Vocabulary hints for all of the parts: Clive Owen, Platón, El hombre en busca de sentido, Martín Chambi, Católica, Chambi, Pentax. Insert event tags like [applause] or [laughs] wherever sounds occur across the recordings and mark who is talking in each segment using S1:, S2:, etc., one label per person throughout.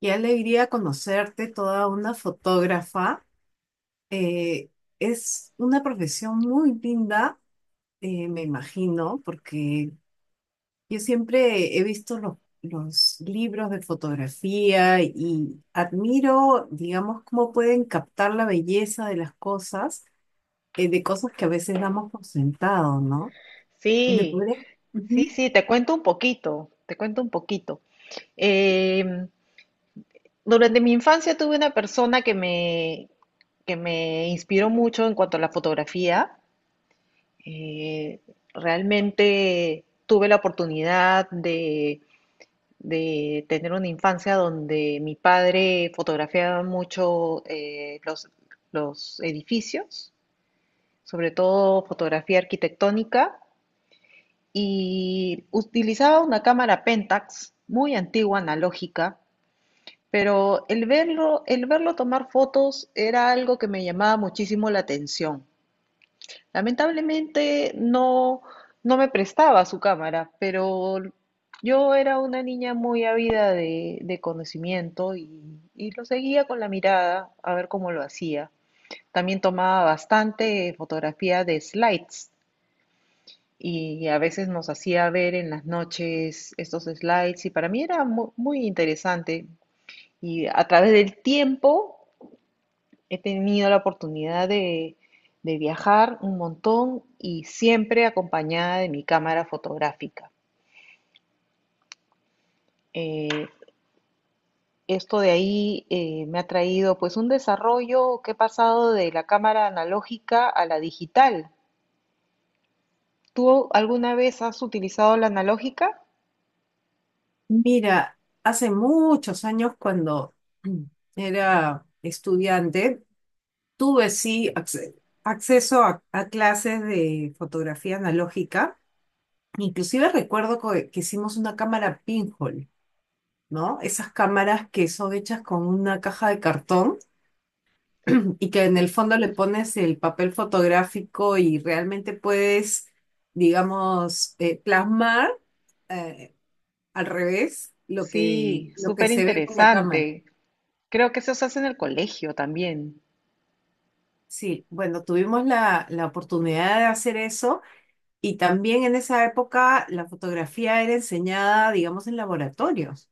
S1: Qué alegría conocerte, toda una fotógrafa. Eh, es una profesión muy linda, me imagino, porque yo siempre he visto los libros de fotografía y admiro, digamos, cómo pueden captar la belleza de las cosas, de cosas que a veces damos por sentado, ¿no? ¿Me
S2: Sí,
S1: podrías-
S2: sí,
S1: Ujú.
S2: sí, te cuento un poquito, te cuento un poquito. Em, Durante mi infancia tuve una persona que me inspiró mucho en cuanto a la fotografía. Eh, Realmente tuve la oportunidad de tener una infancia donde mi padre fotografiaba mucho los edificios, sobre todo fotografía arquitectónica. Y utilizaba una cámara Pentax muy antigua, analógica, pero el verlo tomar fotos era algo que me llamaba muchísimo la atención. Lamentablemente no, no me prestaba su cámara, pero yo era una niña muy ávida de conocimiento y lo seguía con la mirada a ver cómo lo hacía. También tomaba bastante fotografía de slides y a veces nos hacía ver en las noches estos slides y para mí era muy interesante. Y a través del tiempo he tenido la oportunidad de viajar un montón y siempre acompañada de mi cámara fotográfica. Eh, Esto de ahí me ha traído pues un desarrollo que he pasado de la cámara analógica a la digital. ¿Tú alguna vez has utilizado la analógica?
S1: Mira, hace muchos años cuando [clears throat] era estudiante, tuve acceso a clases de fotografía analógica. Inclusive recuerdo que hicimos una cámara pinhole, ¿no? Esas cámaras que son hechas con una caja de cartón [clears throat] y que en el
S2: Que-
S1: fondo le pones el papel fotográfico y realmente puedes, digamos, plasmar eh, al revés
S2: Sí,
S1: lo que
S2: súper
S1: se ve por la cámara.
S2: interesante. Creo que eso se hace en el colegio también.
S1: Sí, bueno, tuvimos la oportunidad de hacer eso. Y también en esa época la fotografía era enseñada, digamos, en laboratorios,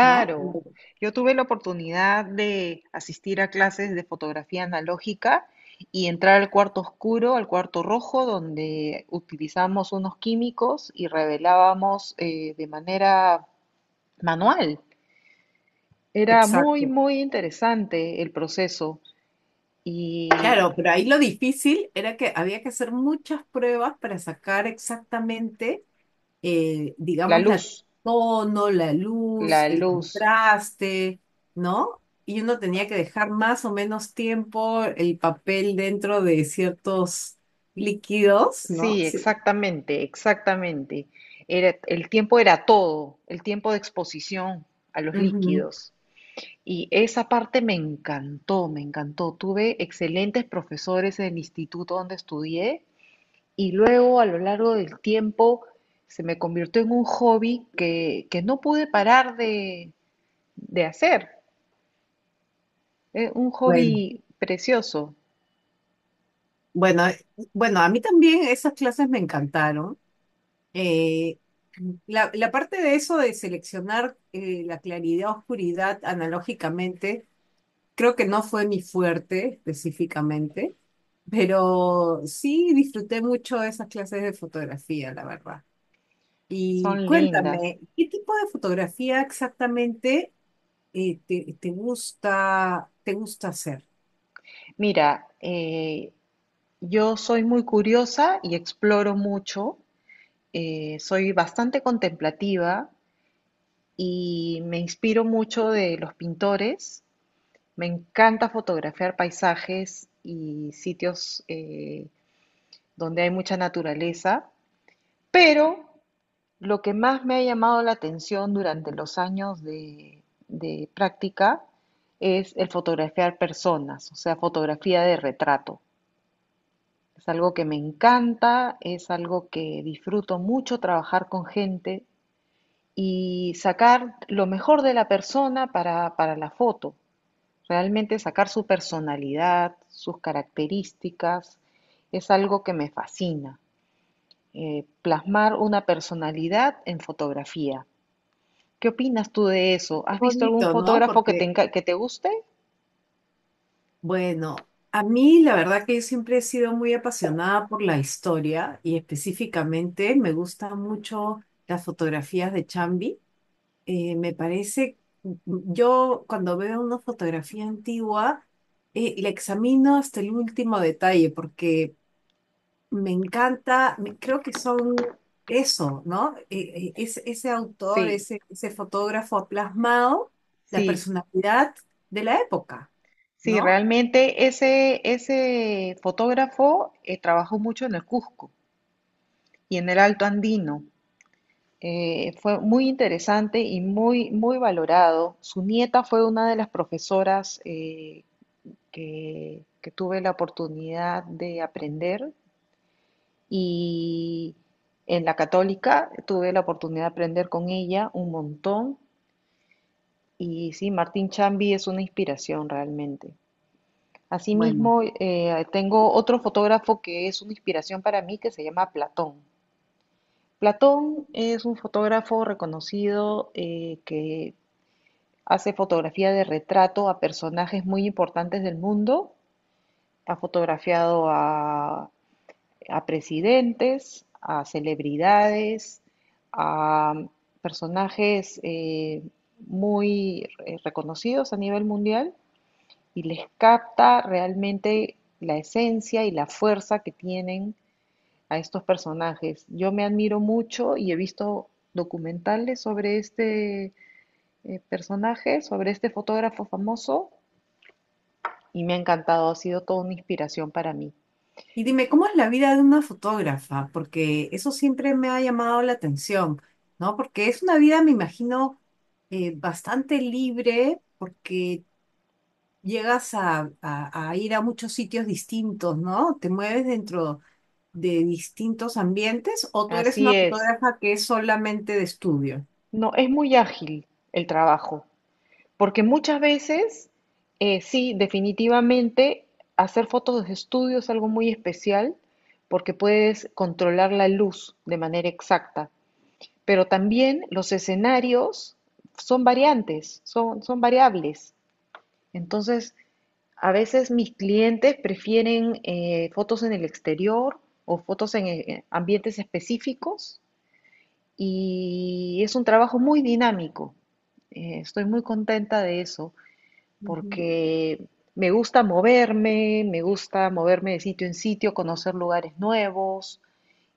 S1: ¿no?
S2: Yo tuve la oportunidad de asistir a clases de fotografía analógica y entrar al cuarto oscuro, al cuarto rojo, donde utilizamos unos químicos y revelábamos de manera manual. Era muy,
S1: Exacto.
S2: muy interesante el proceso y
S1: Claro, pero ahí lo difícil era que había que hacer muchas pruebas para sacar exactamente,
S2: la
S1: digamos, la
S2: luz,
S1: tono, la luz,
S2: la
S1: el
S2: luz.
S1: contraste, ¿no? Y uno tenía que dejar más o menos tiempo el papel dentro de ciertos líquidos, ¿no?
S2: Sí,
S1: Sí.
S2: exactamente, exactamente. Era, el tiempo era todo, el tiempo de exposición a los
S1: Ujú.
S2: líquidos. Y esa parte me encantó, me encantó. Tuve excelentes profesores en el instituto donde estudié y luego a lo largo del tiempo se me convirtió en un hobby que no pude parar de hacer. Es un
S1: Bueno,
S2: hobby precioso,
S1: Bueno, eh, bueno, a mí también esas clases me encantaron. Eh, la parte de eso de seleccionar la claridad, oscuridad analógicamente, creo que no fue mi fuerte específicamente, pero sí disfruté mucho esas clases de fotografía, la verdad. Y
S2: son lindas.
S1: cuéntame, ¿qué tipo de fotografía exactamente te gusta hacer?
S2: Mira, yo soy muy curiosa y exploro mucho, soy bastante contemplativa y me inspiro mucho de los pintores. Me encanta fotografiar paisajes y sitios donde hay mucha naturaleza, pero lo que más me ha llamado la atención durante los años de práctica es el fotografiar personas, o sea, fotografía de retrato. Es algo que me encanta, es algo que disfruto mucho trabajar con gente y sacar lo mejor de la persona para la foto. Realmente sacar su personalidad, sus características, es algo que me fascina. Plasmar una personalidad en fotografía. ¿Qué opinas tú de eso?
S1: Qué
S2: ¿Has visto algún
S1: bonito, ¿no?
S2: fotógrafo
S1: Porque
S2: que te guste?
S1: bueno, a mí la verdad que yo siempre he sido muy apasionada por la historia y específicamente me gustan mucho las fotografías de Chambi. Eh, me parece, yo cuando veo una fotografía antigua, la examino hasta el último detalle porque me encanta, creo que son eso, ¿no? Ese autor,
S2: Sí,
S1: ese fotógrafo ha plasmado la
S2: sí.
S1: personalidad de la época,
S2: Sí,
S1: ¿no?
S2: realmente ese, ese fotógrafo trabajó mucho en el Cusco y en el Alto Andino. Fue muy interesante y muy, muy valorado. Su nieta fue una de las profesoras que tuve la oportunidad de aprender y en la Católica tuve la oportunidad de aprender con ella un montón. Y sí, Martín Chambi es una inspiración realmente.
S1: Bueno.
S2: Asimismo, tengo otro fotógrafo que es una inspiración para mí que se llama Platón. Platón es un fotógrafo reconocido que hace fotografía de retrato a personajes muy importantes del mundo. Ha fotografiado a presidentes, a celebridades, a personajes muy reconocidos a nivel mundial y les capta realmente la esencia y la fuerza que tienen a estos personajes. Yo me admiro mucho y he visto documentales sobre este personaje, sobre este fotógrafo famoso y me ha encantado, ha sido toda una inspiración para mí.
S1: Y dime, ¿cómo es la vida de una fotógrafa? Porque eso siempre me ha llamado la atención, ¿no? Porque es una vida, me imagino, bastante libre, porque llegas a ir a muchos sitios distintos, ¿no? Te mueves dentro de distintos ambientes, o tú eres
S2: Así
S1: una
S2: es,
S1: fotógrafa que es solamente de estudio.
S2: no, es muy ágil el trabajo. Porque muchas veces, sí, definitivamente hacer fotos de estudio es algo muy especial porque puedes controlar la luz de manera exacta, pero también los escenarios son variantes, son, son variables. Entonces, a veces mis clientes prefieren fotos en el exterior o fotos en ambientes específicos y es un trabajo muy dinámico. Estoy muy contenta de eso porque me gusta moverme de sitio en sitio, conocer lugares nuevos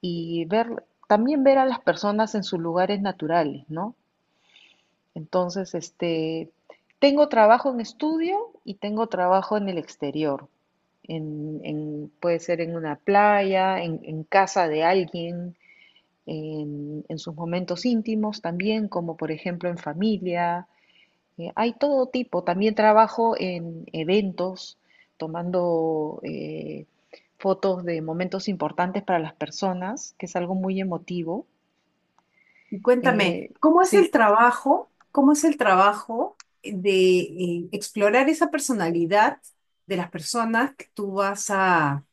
S2: y ver, también ver a las personas en sus lugares naturales, ¿no? Entonces, este, tengo trabajo en estudio y tengo trabajo en el exterior. En, puede ser en una playa, en casa de alguien, en sus momentos íntimos también, como por ejemplo en familia, hay todo tipo. También trabajo en eventos, tomando fotos de momentos importantes para las personas, que es algo muy emotivo.
S1: Y cuéntame,
S2: Eh,
S1: ¿cómo es
S2: sí,
S1: el trabajo? ¿Cómo es el trabajo de explorar esa personalidad de las personas que tú vas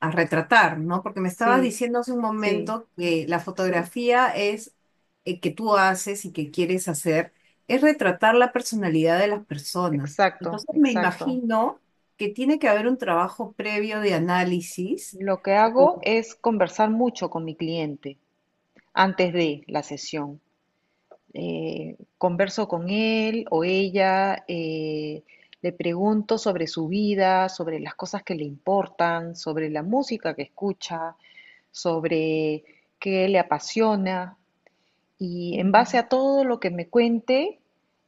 S1: a retratar, ¿no? Porque me estabas
S2: sí,
S1: diciendo hace un
S2: sí,
S1: momento que la
S2: sí,
S1: fotografía es que tú haces y que quieres hacer, es retratar la personalidad de las personas.
S2: exacto,
S1: Entonces me
S2: exacto.
S1: imagino que tiene que haber un trabajo previo de análisis.
S2: Lo que hago
S1: o-
S2: es conversar mucho con mi cliente antes de la sesión. Converso con él o ella, le pregunto sobre su vida, sobre las cosas que le importan, sobre la música que escucha, sobre qué le apasiona y en
S1: Ujú.
S2: base a todo lo que me cuente,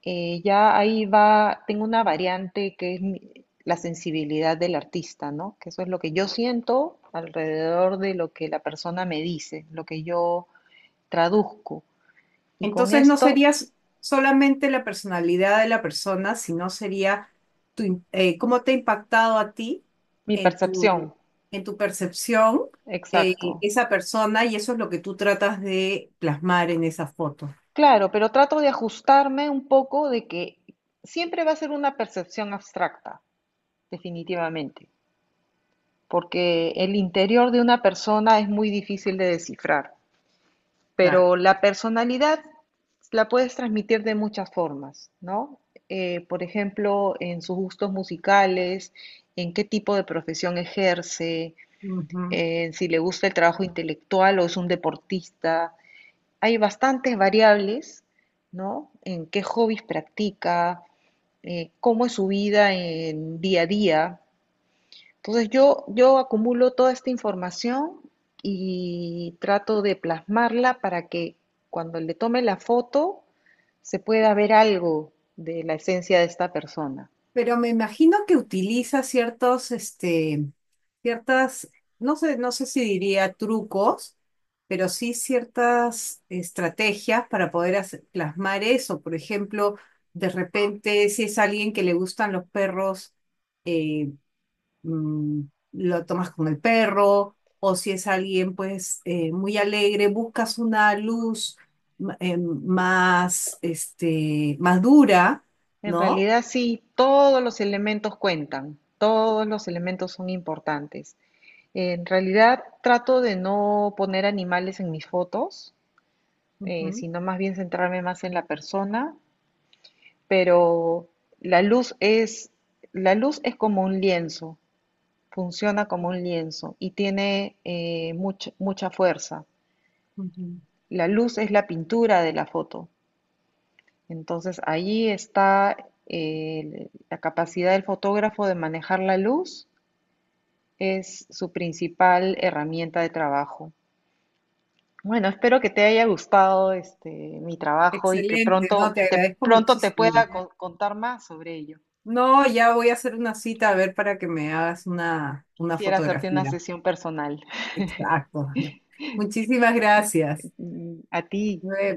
S2: ya ahí va, tengo una variante que es la sensibilidad del artista, ¿no? Que eso es lo que yo siento alrededor de lo que la persona me dice, lo que yo traduzco. Y con
S1: Entonces no
S2: esto
S1: sería solamente la personalidad de la persona, sino sería cómo te ha impactado a ti
S2: mi
S1: en
S2: percepción,
S1: en tu percepción eh,
S2: exacto.
S1: esa persona, y eso es lo que tú tratas de plasmar en esa foto.
S2: Claro, pero trato de ajustarme un poco de que siempre va a ser una percepción abstracta, definitivamente, porque el interior de una persona es muy difícil de descifrar,
S1: Claro.
S2: pero la personalidad la puedes transmitir de muchas formas, ¿no? Por ejemplo, en sus gustos musicales, en qué tipo de profesión ejerce,
S1: Ujú.
S2: en si le gusta el trabajo intelectual o es un deportista, hay bastantes variables, ¿no? En qué hobbies practica, cómo es su vida en día a día. Entonces yo acumulo toda esta información y trato de plasmarla para que cuando le tome la foto se pueda ver algo de la esencia de esta persona.
S1: Pero me imagino que utiliza ciertos, este, ciertas, no sé, no sé si diría trucos, pero sí ciertas estrategias para poder plasmar eso. Por ejemplo, de repente, si es alguien que le gustan los perros, eh, mm, lo tomas con el perro, o si es alguien, pues, muy alegre, buscas una luz más, este, más dura,
S2: En
S1: ¿no?
S2: realidad sí, todos los elementos cuentan, todos los elementos son importantes. En realidad trato de no poner animales en mis fotos,
S1: Ujú,
S2: sino más bien centrarme más en la persona, pero la luz es, la luz es como un lienzo, funciona como un lienzo y tiene mucha, mucha fuerza.
S1: ujú.
S2: La luz es la pintura de la foto, entonces ahí está la capacidad del fotógrafo de manejar la luz, es su principal herramienta de trabajo. Bueno, espero que te haya gustado este mi trabajo y que
S1: Excelente, no, te agradezco
S2: pronto te pueda
S1: muchísimo.
S2: contar más sobre ello.
S1: No, ya voy a hacer una cita a ver para que me hagas una
S2: Quisiera hacerte una
S1: fotografía.
S2: sesión personal. [laughs]
S1: Exacto. [laughs] Muchísimas gracias.
S2: A ti.
S1: Nos vemos.